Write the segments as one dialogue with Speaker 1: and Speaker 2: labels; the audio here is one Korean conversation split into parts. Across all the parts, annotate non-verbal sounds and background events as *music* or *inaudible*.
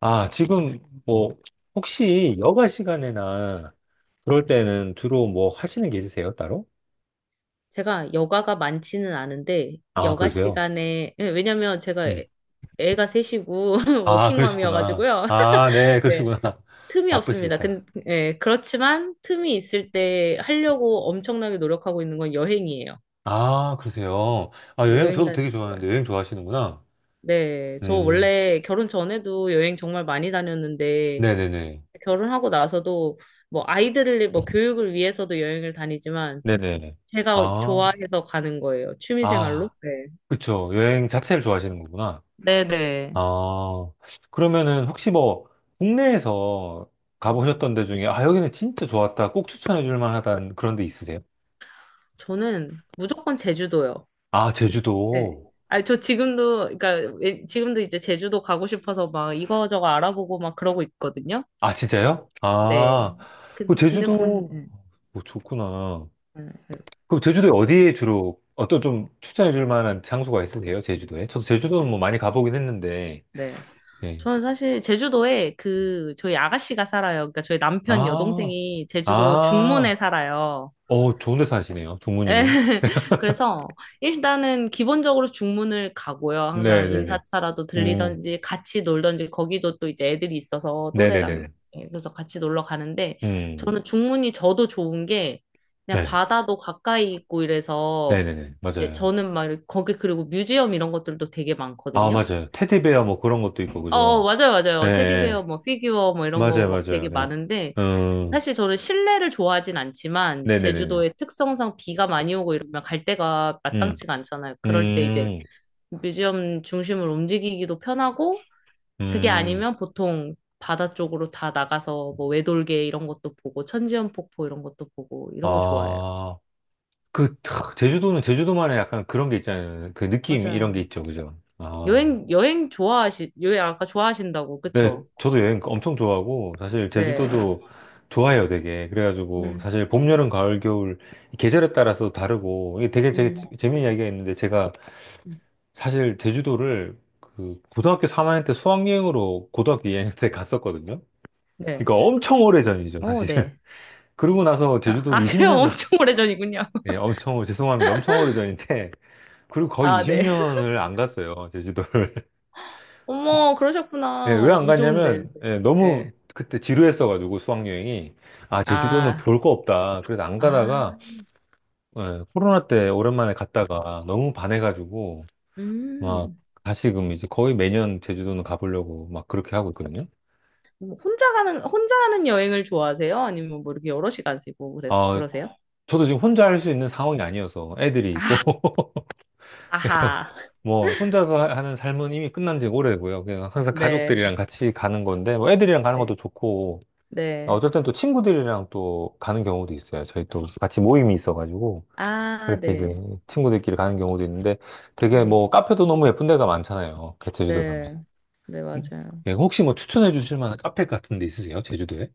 Speaker 1: 아, 지금 뭐 혹시 여가 시간이나 그럴 때는 주로 뭐 하시는 게 있으세요, 따로?
Speaker 2: 제가 여가가 많지는 않은데
Speaker 1: 아,
Speaker 2: 여가
Speaker 1: 그러세요?
Speaker 2: 시간에 예, 왜냐면 제가
Speaker 1: 음.
Speaker 2: 애가 셋이고 *laughs*
Speaker 1: 아, 그러시구나.
Speaker 2: 워킹맘이어가지고요.
Speaker 1: 아, 네,
Speaker 2: *laughs* 네.
Speaker 1: 그러시구나. *laughs*
Speaker 2: 틈이 없습니다.
Speaker 1: 바쁘시겠다.
Speaker 2: 예, 그렇지만 틈이 있을 때 하려고 엄청나게 노력하고 있는 건 여행이에요.
Speaker 1: 아, 그러세요. 아,
Speaker 2: 네,
Speaker 1: 여행
Speaker 2: 여행
Speaker 1: 저도
Speaker 2: 다니는
Speaker 1: 되게
Speaker 2: 거
Speaker 1: 좋아하는데
Speaker 2: 좋아요.
Speaker 1: 여행 좋아하시는구나.
Speaker 2: 네, 저
Speaker 1: 음,
Speaker 2: 원래 결혼 전에도 여행 정말 많이 다녔는데
Speaker 1: 네네네.
Speaker 2: 결혼하고 나서도 뭐 아이들을 뭐 교육을 위해서도 여행을 다니지만
Speaker 1: 네네.
Speaker 2: 제가
Speaker 1: 아,
Speaker 2: 좋아해서 가는 거예요. 취미 생활로.
Speaker 1: 아,
Speaker 2: 네.
Speaker 1: 그쵸. 여행 자체를 좋아하시는 거구나.
Speaker 2: 네네.
Speaker 1: 아, 그러면은 혹시 뭐 국내에서 가보셨던 데 중에 아, 여기는 진짜 좋았다. 꼭 추천해 줄 만하다는 그런 데 있으세요?
Speaker 2: 저는 무조건 제주도요.
Speaker 1: 아,
Speaker 2: 네.
Speaker 1: 제주도.
Speaker 2: 어, 아니, 저 지금도, 그러니까, 지금도 이제 제주도 가고 싶어서 막 이거저거 알아보고 막 그러고 있거든요.
Speaker 1: 아, 진짜요?
Speaker 2: 네.
Speaker 1: 아, 그
Speaker 2: 근데
Speaker 1: 제주도
Speaker 2: 네.
Speaker 1: 뭐 좋구나.
Speaker 2: 네.
Speaker 1: 그럼 제주도에 어디에 주로 어떤 좀 추천해 줄 만한 장소가 있으세요? 제주도에? 저도
Speaker 2: 네.
Speaker 1: 제주도는 뭐 많이 가보긴 했는데.
Speaker 2: 네.
Speaker 1: 예.
Speaker 2: 저는 사실 제주도에 그, 저희 아가씨가 살아요. 그러니까 저희 남편
Speaker 1: 아,
Speaker 2: 여동생이 제주도
Speaker 1: 아.
Speaker 2: 중문에 살아요.
Speaker 1: 어, 좋은 데 사시네요. 종무님은.
Speaker 2: *laughs* 그래서 일단은 기본적으로 중문을 가고요.
Speaker 1: 네,
Speaker 2: 항상
Speaker 1: 네, 네.
Speaker 2: 인사차라도
Speaker 1: 음.
Speaker 2: 들리던지 같이 놀던지 거기도 또 이제 애들이 있어서
Speaker 1: 네, 네,
Speaker 2: 또래랑
Speaker 1: 네.
Speaker 2: 예, 그래서 같이 놀러 가는데
Speaker 1: 음.
Speaker 2: 저는 중문이 저도 좋은 게 그냥
Speaker 1: 네.
Speaker 2: 바다도 가까이 있고 이래서
Speaker 1: 네네네.
Speaker 2: 이제
Speaker 1: 맞아요.
Speaker 2: 저는 막 이렇게 거기 그리고 뮤지엄 이런 것들도 되게
Speaker 1: 아,
Speaker 2: 많거든요.
Speaker 1: 맞아요. 테디베어
Speaker 2: 네.
Speaker 1: 뭐 그런 것도 있고,
Speaker 2: 어,
Speaker 1: 그죠?
Speaker 2: 맞아요,
Speaker 1: 예,
Speaker 2: 맞아요. 테디베어,
Speaker 1: 예.
Speaker 2: 뭐, 피규어, 뭐, 이런 거
Speaker 1: 맞아요,
Speaker 2: 막
Speaker 1: 맞아요.
Speaker 2: 되게
Speaker 1: 네.
Speaker 2: 많은데,
Speaker 1: 음,
Speaker 2: 사실 저는 실내를 좋아하진 않지만,
Speaker 1: 네네네네.
Speaker 2: 제주도의 특성상 비가 많이 오고 이러면 갈 데가
Speaker 1: 음,
Speaker 2: 마땅치가 않잖아요. 그럴 때 이제
Speaker 1: 음,
Speaker 2: 뮤지엄 중심을 움직이기도 편하고, 그게
Speaker 1: 음.
Speaker 2: 아니면 보통 바다 쪽으로 다 나가서 뭐, 외돌개 이런 것도 보고, 천지연 폭포 이런 것도 보고, 이런 거 좋아해요.
Speaker 1: 아, 그, 탁, 제주도는 제주도만의 약간 그런 게 있잖아요. 그 느낌 이런 게
Speaker 2: 맞아요.
Speaker 1: 있죠, 그죠? 아,
Speaker 2: 여행 아까 좋아하신다고,
Speaker 1: 네.
Speaker 2: 그쵸?
Speaker 1: 저도 여행 엄청 좋아하고, 사실
Speaker 2: 네.
Speaker 1: 제주도도 좋아해요, 되게. 그래가지고,
Speaker 2: 음,
Speaker 1: 사실 봄, 여름, 가을, 겨울, 이 계절에 따라서 다르고, 이게 되게
Speaker 2: 음,
Speaker 1: 재미있는 이야기가 있는데, 제가
Speaker 2: 음.
Speaker 1: 사실 제주도를 그 고등학교 3학년 때 수학여행으로 고등학교 2학년 때 갔었거든요.
Speaker 2: 네.
Speaker 1: 그러니까 엄청 오래전이죠,
Speaker 2: 어,
Speaker 1: 사실.
Speaker 2: 네.
Speaker 1: *laughs* 그러고 나서
Speaker 2: 아, *laughs* 아,
Speaker 1: 제주도를
Speaker 2: 그래요?
Speaker 1: 20년,
Speaker 2: 엄청 오래전이군요.
Speaker 1: 예, 엄청, 죄송합니다. 엄청 오래전인데, *laughs* 그리고 거의
Speaker 2: 아, 네.
Speaker 1: 20년을 안 갔어요, 제주도를. *laughs*
Speaker 2: 어머,
Speaker 1: 예,
Speaker 2: 그러셨구나.
Speaker 1: 왜 안
Speaker 2: 이조인데.
Speaker 1: 갔냐면, 예,
Speaker 2: 네.
Speaker 1: 너무 그때 지루했어가지고 수학여행이. 아, 제주도는
Speaker 2: 아,
Speaker 1: 볼 거 없다. 그래서 안
Speaker 2: 아,
Speaker 1: 가다가, 예, 코로나 때 오랜만에 갔다가 너무 반해가지고, 막,
Speaker 2: 음.
Speaker 1: 다시금 이제 거의 매년 제주도는 가보려고 막 그렇게 하고 있거든요.
Speaker 2: 뭐 혼자 가는, 혼자 하는 여행을 좋아하세요? 아니면 뭐 이렇게 여럿이 가시고
Speaker 1: 어,
Speaker 2: 그러세요?
Speaker 1: 저도 지금 혼자 할 수 있는 상황이 아니어서 애들이
Speaker 2: 아,
Speaker 1: 있고 *laughs* 그래서
Speaker 2: 아하.
Speaker 1: 뭐 혼자서 하는 삶은 이미 끝난 지 오래고요. 그냥 항상
Speaker 2: 네,
Speaker 1: 가족들이랑 같이 가는 건데 뭐 애들이랑 가는
Speaker 2: 네,
Speaker 1: 것도 좋고 아,
Speaker 2: 네.
Speaker 1: 어쩔 땐 또 친구들이랑 또 가는 경우도 있어요. 저희 또 같이 모임이 있어가지고
Speaker 2: 아,
Speaker 1: 그렇게 이제
Speaker 2: 네.
Speaker 1: 친구들끼리 가는 경우도 있는데 되게
Speaker 2: 음,
Speaker 1: 뭐 카페도 너무 예쁜 데가 많잖아요. 그 제주도 가면.
Speaker 2: 네. 네, 맞아요.
Speaker 1: 예, 혹시 뭐 추천해 주실 만한 카페 같은 데 있으세요? 제주도에?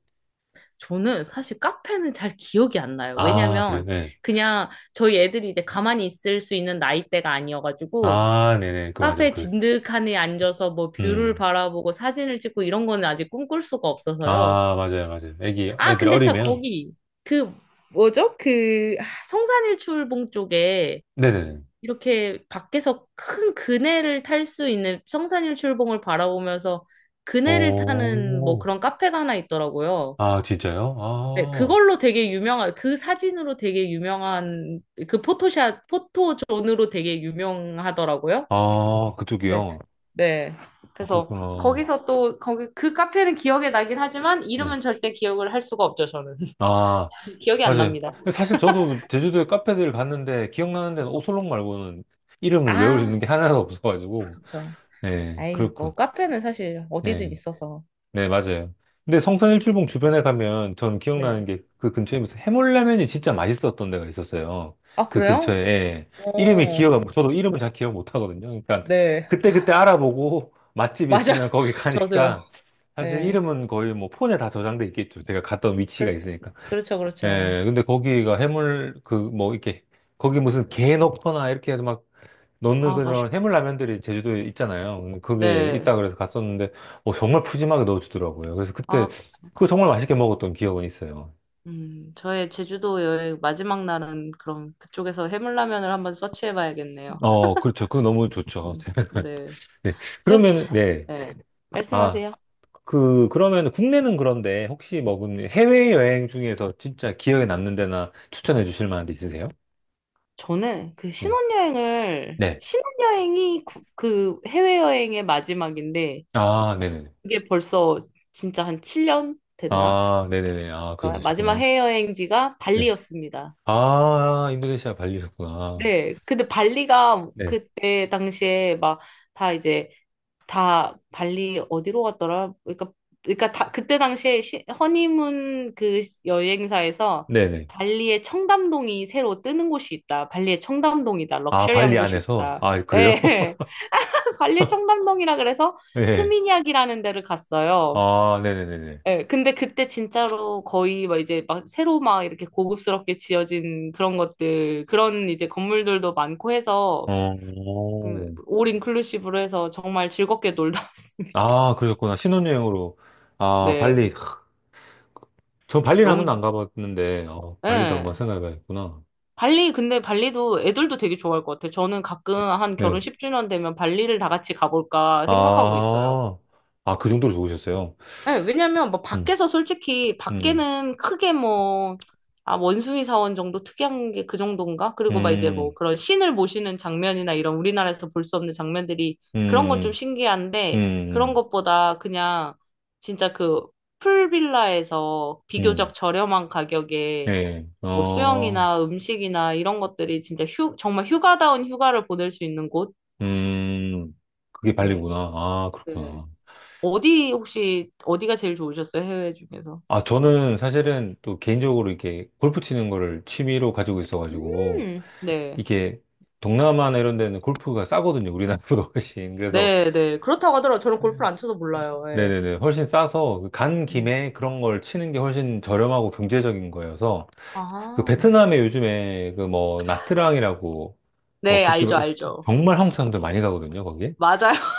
Speaker 2: 저는 사실 카페는 잘 기억이 안 나요.
Speaker 1: 아, 그래요?
Speaker 2: 왜냐면
Speaker 1: 네.
Speaker 2: 그냥 저희 애들이 이제 가만히 있을 수 있는 나이대가 아니어가지고
Speaker 1: 아, 네네. 그 맞아요.
Speaker 2: 카페
Speaker 1: 그렇
Speaker 2: 진득하니 앉아서 뭐 뷰를
Speaker 1: 음.
Speaker 2: 바라보고 사진을 찍고 이런 거는 아직 꿈꿀 수가 없어서요.
Speaker 1: 아, 맞아요, 맞아요. 애기, 애
Speaker 2: 아,
Speaker 1: 들
Speaker 2: 근데 참
Speaker 1: 어리면.
Speaker 2: 거기 그 뭐죠? 그 아, 성산일출봉 쪽에
Speaker 1: 네네네.
Speaker 2: 이렇게 밖에서 큰 그네를 탈 수 있는 성산일출봉을 바라보면서 그네를 타는 뭐
Speaker 1: 오,
Speaker 2: 그런 카페가 하나 있더라고요.
Speaker 1: 아, 진짜요?
Speaker 2: 네,
Speaker 1: 아,
Speaker 2: 그걸로 되게 유명한, 그 사진으로 되게 유명한, 그 포토샷, 포토존으로 되게 유명하더라고요.
Speaker 1: 아,
Speaker 2: 네.
Speaker 1: 그쪽이요.
Speaker 2: 네.
Speaker 1: 아,
Speaker 2: 그래서
Speaker 1: 그렇구나.
Speaker 2: 거기서 또 거기 그 카페는 기억에 나긴 하지만
Speaker 1: 네.
Speaker 2: 이름은 절대 기억을 할 수가 없죠, 저는.
Speaker 1: 아,
Speaker 2: *laughs* 기억이 안
Speaker 1: 맞아요.
Speaker 2: 납니다.
Speaker 1: 사실 저도 제주도에 카페들 갔는데, 기억나는 데는 오설록 말고는 이름을 외울 수
Speaker 2: 아,
Speaker 1: 있는 게 하나도 없어가지고.
Speaker 2: 그렇죠.
Speaker 1: 네,
Speaker 2: 아이,
Speaker 1: 그렇군.
Speaker 2: 뭐 카페는 사실 어디든
Speaker 1: 예.
Speaker 2: 있어서.
Speaker 1: 네, 맞아요. 근데 성산일출봉 주변에 가면 전 기억나는
Speaker 2: 네.
Speaker 1: 게 그 근처에 무슨 해물라면이 진짜 맛있었던 데가 있었어요.
Speaker 2: 아,
Speaker 1: 그
Speaker 2: 그래요?
Speaker 1: 근처에. 예. 이름이
Speaker 2: 어.
Speaker 1: 기억 안, 저도 이름을 잘 기억 못 하거든요. 그러니까
Speaker 2: 네.
Speaker 1: 그때그때 알아보고 *laughs* 맛집
Speaker 2: 맞아.
Speaker 1: 있으면
Speaker 2: *laughs*
Speaker 1: 거기
Speaker 2: 저도요.
Speaker 1: 가니까 사실
Speaker 2: 네.
Speaker 1: 이름은 거의 뭐 폰에 다 저장돼 있겠죠. 제가 갔던 위치가
Speaker 2: 그렇,
Speaker 1: 있으니까.
Speaker 2: 그렇죠, 그렇죠.
Speaker 1: 예, 근데 거기가 해물 그 뭐 이렇게 거기 무슨 게 넣거나 이렇게 해서 막 넣는
Speaker 2: 아, 맛있.
Speaker 1: 그런 해물라면들이 제주도에 있잖아요. 근데 그게
Speaker 2: 네.
Speaker 1: 있다 그래서 갔었는데, 어, 정말 푸짐하게 넣어주더라고요. 그래서 그때,
Speaker 2: 아,
Speaker 1: 그거 정말 맛있게 먹었던 기억은 있어요.
Speaker 2: 저의 제주도 여행 마지막 날은 그럼 그쪽에서 해물라면을 한번 서치해 봐야겠네요.
Speaker 1: 어, 그렇죠. 그거 너무 좋죠.
Speaker 2: 음, 네.
Speaker 1: *laughs* 네.
Speaker 2: 세-
Speaker 1: 그러면, 네.
Speaker 2: 네,
Speaker 1: 아,
Speaker 2: 말씀하세요.
Speaker 1: 그, 그러면 국내는 그런데 혹시 먹은 해외여행 중에서 진짜 기억에 남는 데나 추천해 주실 만한 데 있으세요?
Speaker 2: 저는 그
Speaker 1: 네.
Speaker 2: 신혼여행을,
Speaker 1: 네.
Speaker 2: 신혼여행이 구- 그 해외여행의 마지막인데,
Speaker 1: 아, 네네네.
Speaker 2: 그게 벌써 진짜 한 7년 됐나?
Speaker 1: 아, 네네네. 아, 그도셨구
Speaker 2: 마지막
Speaker 1: 나
Speaker 2: 해외여행지가
Speaker 1: 네.
Speaker 2: 발리였습니다.
Speaker 1: 아, 인도네시아 발리셨구나.
Speaker 2: 네. 근데 발리가
Speaker 1: 네.
Speaker 2: 그때 당시에 막 다 이제 다 발리 어디로 갔더라? 그러니까 그러니까 다 그때 당시에 시, 허니문 그 여행사에서
Speaker 1: 네네.
Speaker 2: 발리의 청담동이 새로 뜨는 곳이 있다. 발리의 청담동이다.
Speaker 1: 아, 발리
Speaker 2: 럭셔리한 곳이
Speaker 1: 안에서?
Speaker 2: 있다.
Speaker 1: 아, 그래요?
Speaker 2: 예.
Speaker 1: *laughs*
Speaker 2: *laughs* 발리 청담동이라 그래서
Speaker 1: 예.
Speaker 2: 스미냑이라는 데를 갔어요.
Speaker 1: 아, 네네네네.
Speaker 2: 예, 근데 그때 진짜로 거의 막 이제 막 새로 막 이렇게 고급스럽게 지어진 그런 것들, 그런 이제 건물들도 많고 해서,
Speaker 1: 어,
Speaker 2: 올 인클루시브로 해서 정말 즐겁게 놀다 *laughs* 왔습니다.
Speaker 1: 아, 그러셨구나. 신혼여행으로. 아,
Speaker 2: 네,
Speaker 1: 발리. 하, 저 발리는 한 번도
Speaker 2: 너무,
Speaker 1: 안 가봤는데, 어, 발리도 한번
Speaker 2: 예.
Speaker 1: 생각해봐야겠구나.
Speaker 2: 발리, 근데 발리도 애들도 되게 좋아할 것 같아요. 저는 가끔 한 결혼
Speaker 1: 네.
Speaker 2: 10주년 되면 발리를 다 같이 가볼까 생각하고 있어요.
Speaker 1: 아, 아, 그 정도로 좋으셨어요.
Speaker 2: 네, 왜냐면 뭐
Speaker 1: 음,
Speaker 2: 밖에서 솔직히
Speaker 1: 음,
Speaker 2: 밖에는 크게 뭐 아, 원숭이 사원 정도 특이한 게 그 정도인가? 그리고 막 이제
Speaker 1: 음,
Speaker 2: 뭐 그런 신을 모시는 장면이나 이런 우리나라에서 볼 수 없는 장면들이 그런 건 좀
Speaker 1: 음, 음,
Speaker 2: 신기한데 그런
Speaker 1: 음,
Speaker 2: 것보다 그냥 진짜 그 풀빌라에서
Speaker 1: 음.
Speaker 2: 비교적 저렴한 가격에
Speaker 1: 예,
Speaker 2: 뭐
Speaker 1: 어,
Speaker 2: 수영이나 음식이나 이런 것들이 진짜 휴, 정말 휴가다운 휴가를 보낼 수 있는 곳?
Speaker 1: 음, 그게
Speaker 2: 네.
Speaker 1: 발리구나. 아,
Speaker 2: 네.
Speaker 1: 그렇구나.
Speaker 2: 어디 혹시 어디가 제일 좋으셨어요? 해외 중에서?
Speaker 1: 아, 저는 사실은 또 개인적으로 이렇게 골프 치는 거를 취미로 가지고 있어가지고,
Speaker 2: 네.
Speaker 1: 이게 동남아나 이런 데는 골프가 싸거든요. 우리나라보다 *laughs* 훨씬. 그래서,
Speaker 2: 네, 네. 그렇다고 하더라고요. 저는 골프를 안 쳐서 몰라요.
Speaker 1: 네,
Speaker 2: 예.
Speaker 1: 네. 네 훨씬 싸서, 간
Speaker 2: 음.
Speaker 1: 김에 그런 걸 치는 게 훨씬 저렴하고 경제적인 거여서, 그
Speaker 2: 아.
Speaker 1: 베트남에 요즘에 그 뭐, 나트랑이라고, 뭐,
Speaker 2: 네,
Speaker 1: 그렇게
Speaker 2: 알죠,
Speaker 1: 막
Speaker 2: 알죠.
Speaker 1: 정말 한국 사람들 많이 가거든요, 거기.
Speaker 2: 맞아요.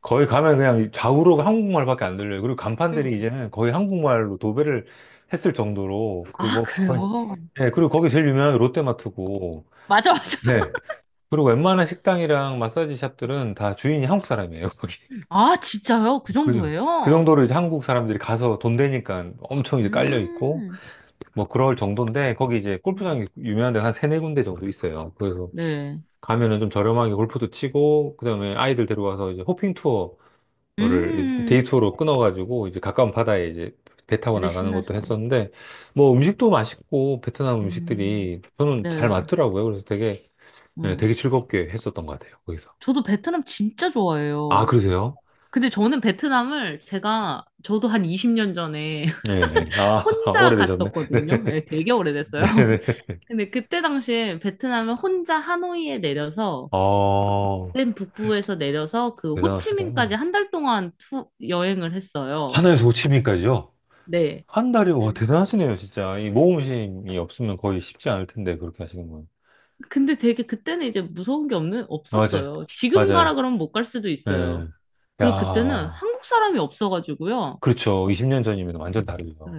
Speaker 1: 거의 가면 그냥 좌우로 한국말밖에 안 들려요. 그리고 간판들이
Speaker 2: *laughs*
Speaker 1: 이제는 거의 한국말로 도배를 했을 정도로 그
Speaker 2: 아,
Speaker 1: 뭐 거의
Speaker 2: 그래요?
Speaker 1: 예, 그리고 거기 제일 유명한 게 롯데마트고
Speaker 2: 맞아, 맞아.
Speaker 1: 네. 그리고 웬만한 식당이랑 마사지 샵들은 다 주인이 한국 사람이에요, 거기.
Speaker 2: 아, 진짜요? 그
Speaker 1: *laughs* 그죠. 그
Speaker 2: 정도예요?
Speaker 1: 정도로 이제 한국 사람들이 가서 돈 되니까 엄청 이제 깔려 있고
Speaker 2: 음,
Speaker 1: 뭐 그럴 정도인데 거기 이제 골프장이
Speaker 2: 음.
Speaker 1: 유명한 데가 한 세네 군데 정도 있어요. 그래서
Speaker 2: 네.
Speaker 1: 가면은 좀 저렴하게 골프도 치고 그다음에 아이들 데려와서 이제 호핑 투어 거를
Speaker 2: 음,
Speaker 1: 데이투어로 끊어가지고 이제 가까운 바다에 이제 배 타고
Speaker 2: 애들
Speaker 1: 나가는 것도
Speaker 2: 신나죠.
Speaker 1: 했었는데 뭐 음식도 맛있고 베트남
Speaker 2: 음,
Speaker 1: 음식들이 저는 잘
Speaker 2: 네.
Speaker 1: 맞더라고요. 그래서 되게 네,
Speaker 2: 음.
Speaker 1: 되게 즐겁게 했었던 것 같아요. 거기서.
Speaker 2: 저도 베트남 진짜
Speaker 1: 아,
Speaker 2: 좋아해요.
Speaker 1: 그러세요?
Speaker 2: 근데 저는 베트남을 제가, 저도 한 20년 전에 *laughs*
Speaker 1: 네. 네. 아, *laughs*
Speaker 2: 혼자
Speaker 1: 오래되셨네.
Speaker 2: 갔었거든요. 예, 되게 오래됐어요.
Speaker 1: 네. 네네.
Speaker 2: 근데 그때 당시에 베트남을 혼자 하노이에 내려서
Speaker 1: 아,
Speaker 2: 맨 북부에서 내려서 그
Speaker 1: 대단하시다.
Speaker 2: 호치민까지 한 달 동안 여행을 했어요.
Speaker 1: 하나에서 오십인까지요.
Speaker 2: 네.
Speaker 1: 한 달이, 와, 대단하시네요, 진짜. 이 모험심이 없으면 거의 쉽지 않을 텐데, 그렇게 하시는 건.
Speaker 2: 근데 되게 그때는 이제 무서운 게 없는
Speaker 1: 맞아요.
Speaker 2: 없었어요. 지금
Speaker 1: 맞아요.
Speaker 2: 가라 그러면 못 갈 수도 있어요.
Speaker 1: 예.
Speaker 2: 그리고 그때는
Speaker 1: 야.
Speaker 2: 한국 사람이 없어가지고요.
Speaker 1: 그렇죠. 20년 전이면 완전
Speaker 2: 네.
Speaker 1: 다르죠.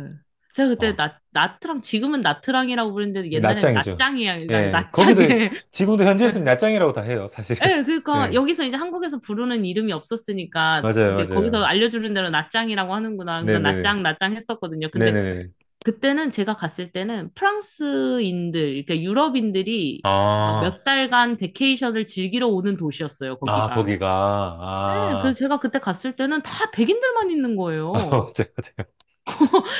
Speaker 2: 제가 그때
Speaker 1: 아,
Speaker 2: 나, 나트랑 지금은 나트랑이라고 부르는데
Speaker 1: 이
Speaker 2: 옛날엔
Speaker 1: 낮장이죠.
Speaker 2: 나짱이야 나,
Speaker 1: 예, 거기도,
Speaker 2: 나짱에
Speaker 1: 지금도 현지에서는
Speaker 2: *laughs*
Speaker 1: 낯장이라고 다 해요, 사실은.
Speaker 2: 예,
Speaker 1: *laughs*
Speaker 2: 그러니까
Speaker 1: 네,
Speaker 2: 여기서 이제 한국에서 부르는 이름이 없었으니까
Speaker 1: 맞아요,
Speaker 2: 이제 거기서
Speaker 1: 맞아요.
Speaker 2: 알려주는 대로 나짱이라고 하는구나. 그래서
Speaker 1: 네네네.
Speaker 2: 나짱, 나짱 했었거든요. 근데
Speaker 1: 네네네.
Speaker 2: 그때는 제가 갔을 때는 프랑스인들, 그러니까 유럽인들이 막
Speaker 1: 아,
Speaker 2: 몇 달간 베케이션을 즐기러 오는 도시였어요,
Speaker 1: 아,
Speaker 2: 거기가.
Speaker 1: 거기가,
Speaker 2: 네,
Speaker 1: 아,
Speaker 2: 그래서 제가 그때 갔을 때는 다 백인들만 있는
Speaker 1: *laughs* 아,
Speaker 2: 거예요.
Speaker 1: 맞아요, 맞아요.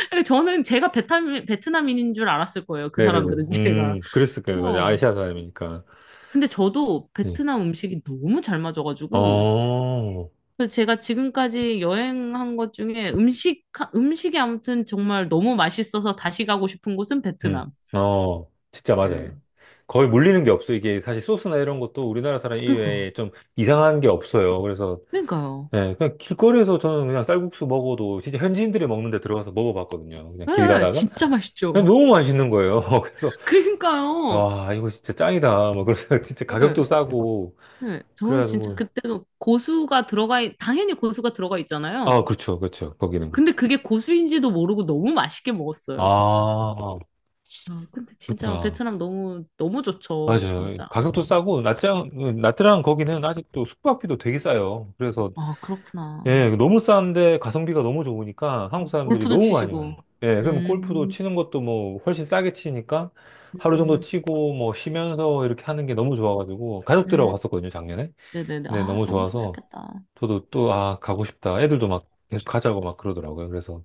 Speaker 2: 그러니까 저는 제가 베트남, 베트남인인 줄 알았을 거예요, 그
Speaker 1: 네네네.
Speaker 2: 사람들은 제가.
Speaker 1: 그랬을 거예요. 맞아요.
Speaker 2: 어.
Speaker 1: 아시아 사람이니까.
Speaker 2: 근데 저도
Speaker 1: 네.
Speaker 2: 베트남 음식이 너무 잘 맞아가지고
Speaker 1: 어,
Speaker 2: 그래서 제가 지금까지 여행한 것 중에 음식, 음식이 아무튼 정말 너무 맛있어서 다시 가고 싶은 곳은
Speaker 1: 음,
Speaker 2: 베트남.
Speaker 1: 어, 진짜 맞아요.
Speaker 2: 네.
Speaker 1: 거의 물리는 게 없어요. 이게 사실 소스나 이런 것도 우리나라 사람
Speaker 2: 그러니까,
Speaker 1: 이외에 좀 이상한 게 없어요. 그래서
Speaker 2: 그러니까요.
Speaker 1: 네, 그냥 길거리에서 저는 그냥 쌀국수 먹어도 진짜 현지인들이 먹는 데 들어가서 먹어봤거든요. 그냥 길
Speaker 2: 예,
Speaker 1: 가다가.
Speaker 2: 진짜
Speaker 1: 그냥
Speaker 2: 맛있죠.
Speaker 1: 너무 맛있는 거예요. *laughs* 그래서,
Speaker 2: *laughs* 그러니까요.
Speaker 1: 와, 이거 진짜 짱이다. 막 그래서 *laughs* 진짜 가격도
Speaker 2: 예,
Speaker 1: 싸고.
Speaker 2: 예, 저는 진짜
Speaker 1: 그래가지고.
Speaker 2: 그때도 고수가 들어가, 당연히 고수가 들어가
Speaker 1: 아,
Speaker 2: 있잖아요.
Speaker 1: 그렇죠. 그렇죠. 거기는
Speaker 2: 근데
Speaker 1: 그렇죠.
Speaker 2: 그게 고수인지도 모르고 너무 맛있게 먹었어요.
Speaker 1: 아,
Speaker 2: 아, 근데 진짜
Speaker 1: 그렇구나.
Speaker 2: 베트남 너무, 너무 좋죠,
Speaker 1: 맞아요.
Speaker 2: 진짜.
Speaker 1: 가격도 싸고, 낮장, 낮드랑 거기는 아직도 숙박비도 되게 싸요. 그래서
Speaker 2: 아,
Speaker 1: 예,
Speaker 2: 그렇구나.
Speaker 1: 그 너무 싼데 가성비가 너무 좋으니까 한국 사람들이
Speaker 2: 골프도
Speaker 1: 너무 많이 와요.
Speaker 2: 치시고.
Speaker 1: 예, 그럼 골프도
Speaker 2: 음,
Speaker 1: 치는 것도 뭐 훨씬 싸게 치니까 하루 정도
Speaker 2: 음,
Speaker 1: 치고 뭐 쉬면서 이렇게 하는 게 너무 좋아가지고 가족들하고
Speaker 2: 음.
Speaker 1: 갔었거든요, 작년에.
Speaker 2: 네네네.
Speaker 1: 네,
Speaker 2: 아,
Speaker 1: 너무
Speaker 2: 너무
Speaker 1: 좋아서
Speaker 2: 좋으셨겠다.
Speaker 1: 저도 또, 아, 가고 싶다. 애들도 막 계속 가자고 막 그러더라고요. 그래서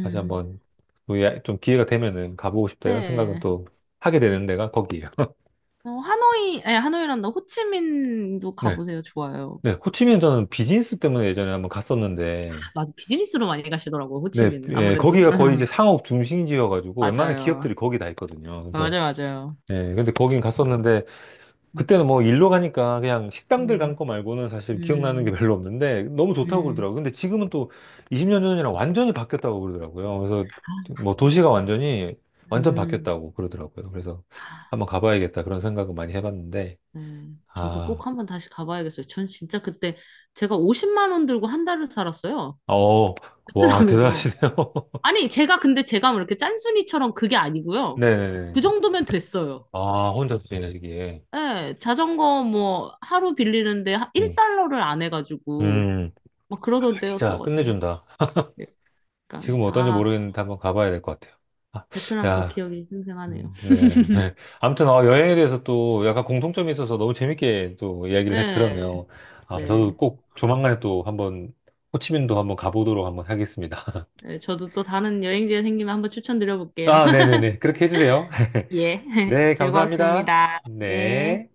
Speaker 1: 다시 한번 또 좀 기회가 되면은 가보고 싶다 이런 생각은
Speaker 2: 네.
Speaker 1: 또 하게 되는 데가 거기예요. *laughs*
Speaker 2: 어, 하노이, 아니, 하노이란다. 호치민도
Speaker 1: 네.
Speaker 2: 가보세요. 좋아요.
Speaker 1: 네, 호치민 저는 비즈니스 때문에 예전에 한번 갔었는데
Speaker 2: 맞아. 비즈니스로 많이 가시더라고요.
Speaker 1: 네,
Speaker 2: 호치민은.
Speaker 1: 예,
Speaker 2: 아무래도.
Speaker 1: 거기가 거의
Speaker 2: *laughs*
Speaker 1: 이제 상업 중심지여가지고 웬만한
Speaker 2: 맞아요.
Speaker 1: 기업들이 거기 다 있거든요. 그래서,
Speaker 2: 맞아요. 맞아요.
Speaker 1: 예, 근데 거긴 갔었는데,
Speaker 2: 음,
Speaker 1: 그때는 뭐 일로 가니까 그냥 식당들 간
Speaker 2: 음,
Speaker 1: 거 말고는 사실 기억나는 게 *laughs* 별로 없는데, 너무 좋다고
Speaker 2: 음,
Speaker 1: 그러더라고요. 근데 지금은 또 20년 전이랑 완전히 바뀌었다고 그러더라고요. 그래서
Speaker 2: 아,
Speaker 1: 뭐 도시가 완전히, 완전
Speaker 2: 음.
Speaker 1: 바뀌었다고 그러더라고요. 그래서 한번 가봐야겠다 그런 생각을 많이 해봤는데,
Speaker 2: 네. 저도
Speaker 1: 아,
Speaker 2: 꼭 한번 다시 가봐야겠어요. 전 진짜 그때 제가 50만 원 들고 한 달을 살았어요.
Speaker 1: 어, 와,
Speaker 2: 베트남에서.
Speaker 1: 대단하시네요. *laughs*
Speaker 2: 아니, 제가 근데 제가 뭐 이렇게 짠순이처럼 그게 아니고요.
Speaker 1: 네네네.
Speaker 2: 그 정도면 됐어요.
Speaker 1: 아, 혼자서 지내시기에.
Speaker 2: 예, 자전거 뭐 하루 빌리는데
Speaker 1: 음.
Speaker 2: 1달러를 안 해가지고
Speaker 1: 음.
Speaker 2: 막 그러던
Speaker 1: 진짜
Speaker 2: 때였어가지고
Speaker 1: 끝내준다.
Speaker 2: 약간
Speaker 1: 지금 어떤지
Speaker 2: 아
Speaker 1: 모르겠는데 한번 가봐야 될 것 같아요. 아,
Speaker 2: 베트남 또
Speaker 1: 야,
Speaker 2: 기억이 생생하네요.
Speaker 1: 네. *laughs* 아무튼 어, 여행에 대해서 또 약간 공통점이 있어서 너무 재밌게 또 이야기를 해
Speaker 2: 네,
Speaker 1: 들었네요. 아, 저도
Speaker 2: 네,
Speaker 1: 꼭 조만간에 또 한번 호치민도 한번 가보도록 한번 하겠습니다.
Speaker 2: 네, 저도 또 다른 여행지에 생기면 한번
Speaker 1: *laughs*
Speaker 2: 추천드려볼게요.
Speaker 1: 아,
Speaker 2: *laughs*
Speaker 1: 네네네. 그렇게 해주세요. *laughs*
Speaker 2: 예, *laughs*
Speaker 1: 네, 감사합니다.
Speaker 2: 즐거웠습니다. 네.
Speaker 1: 네.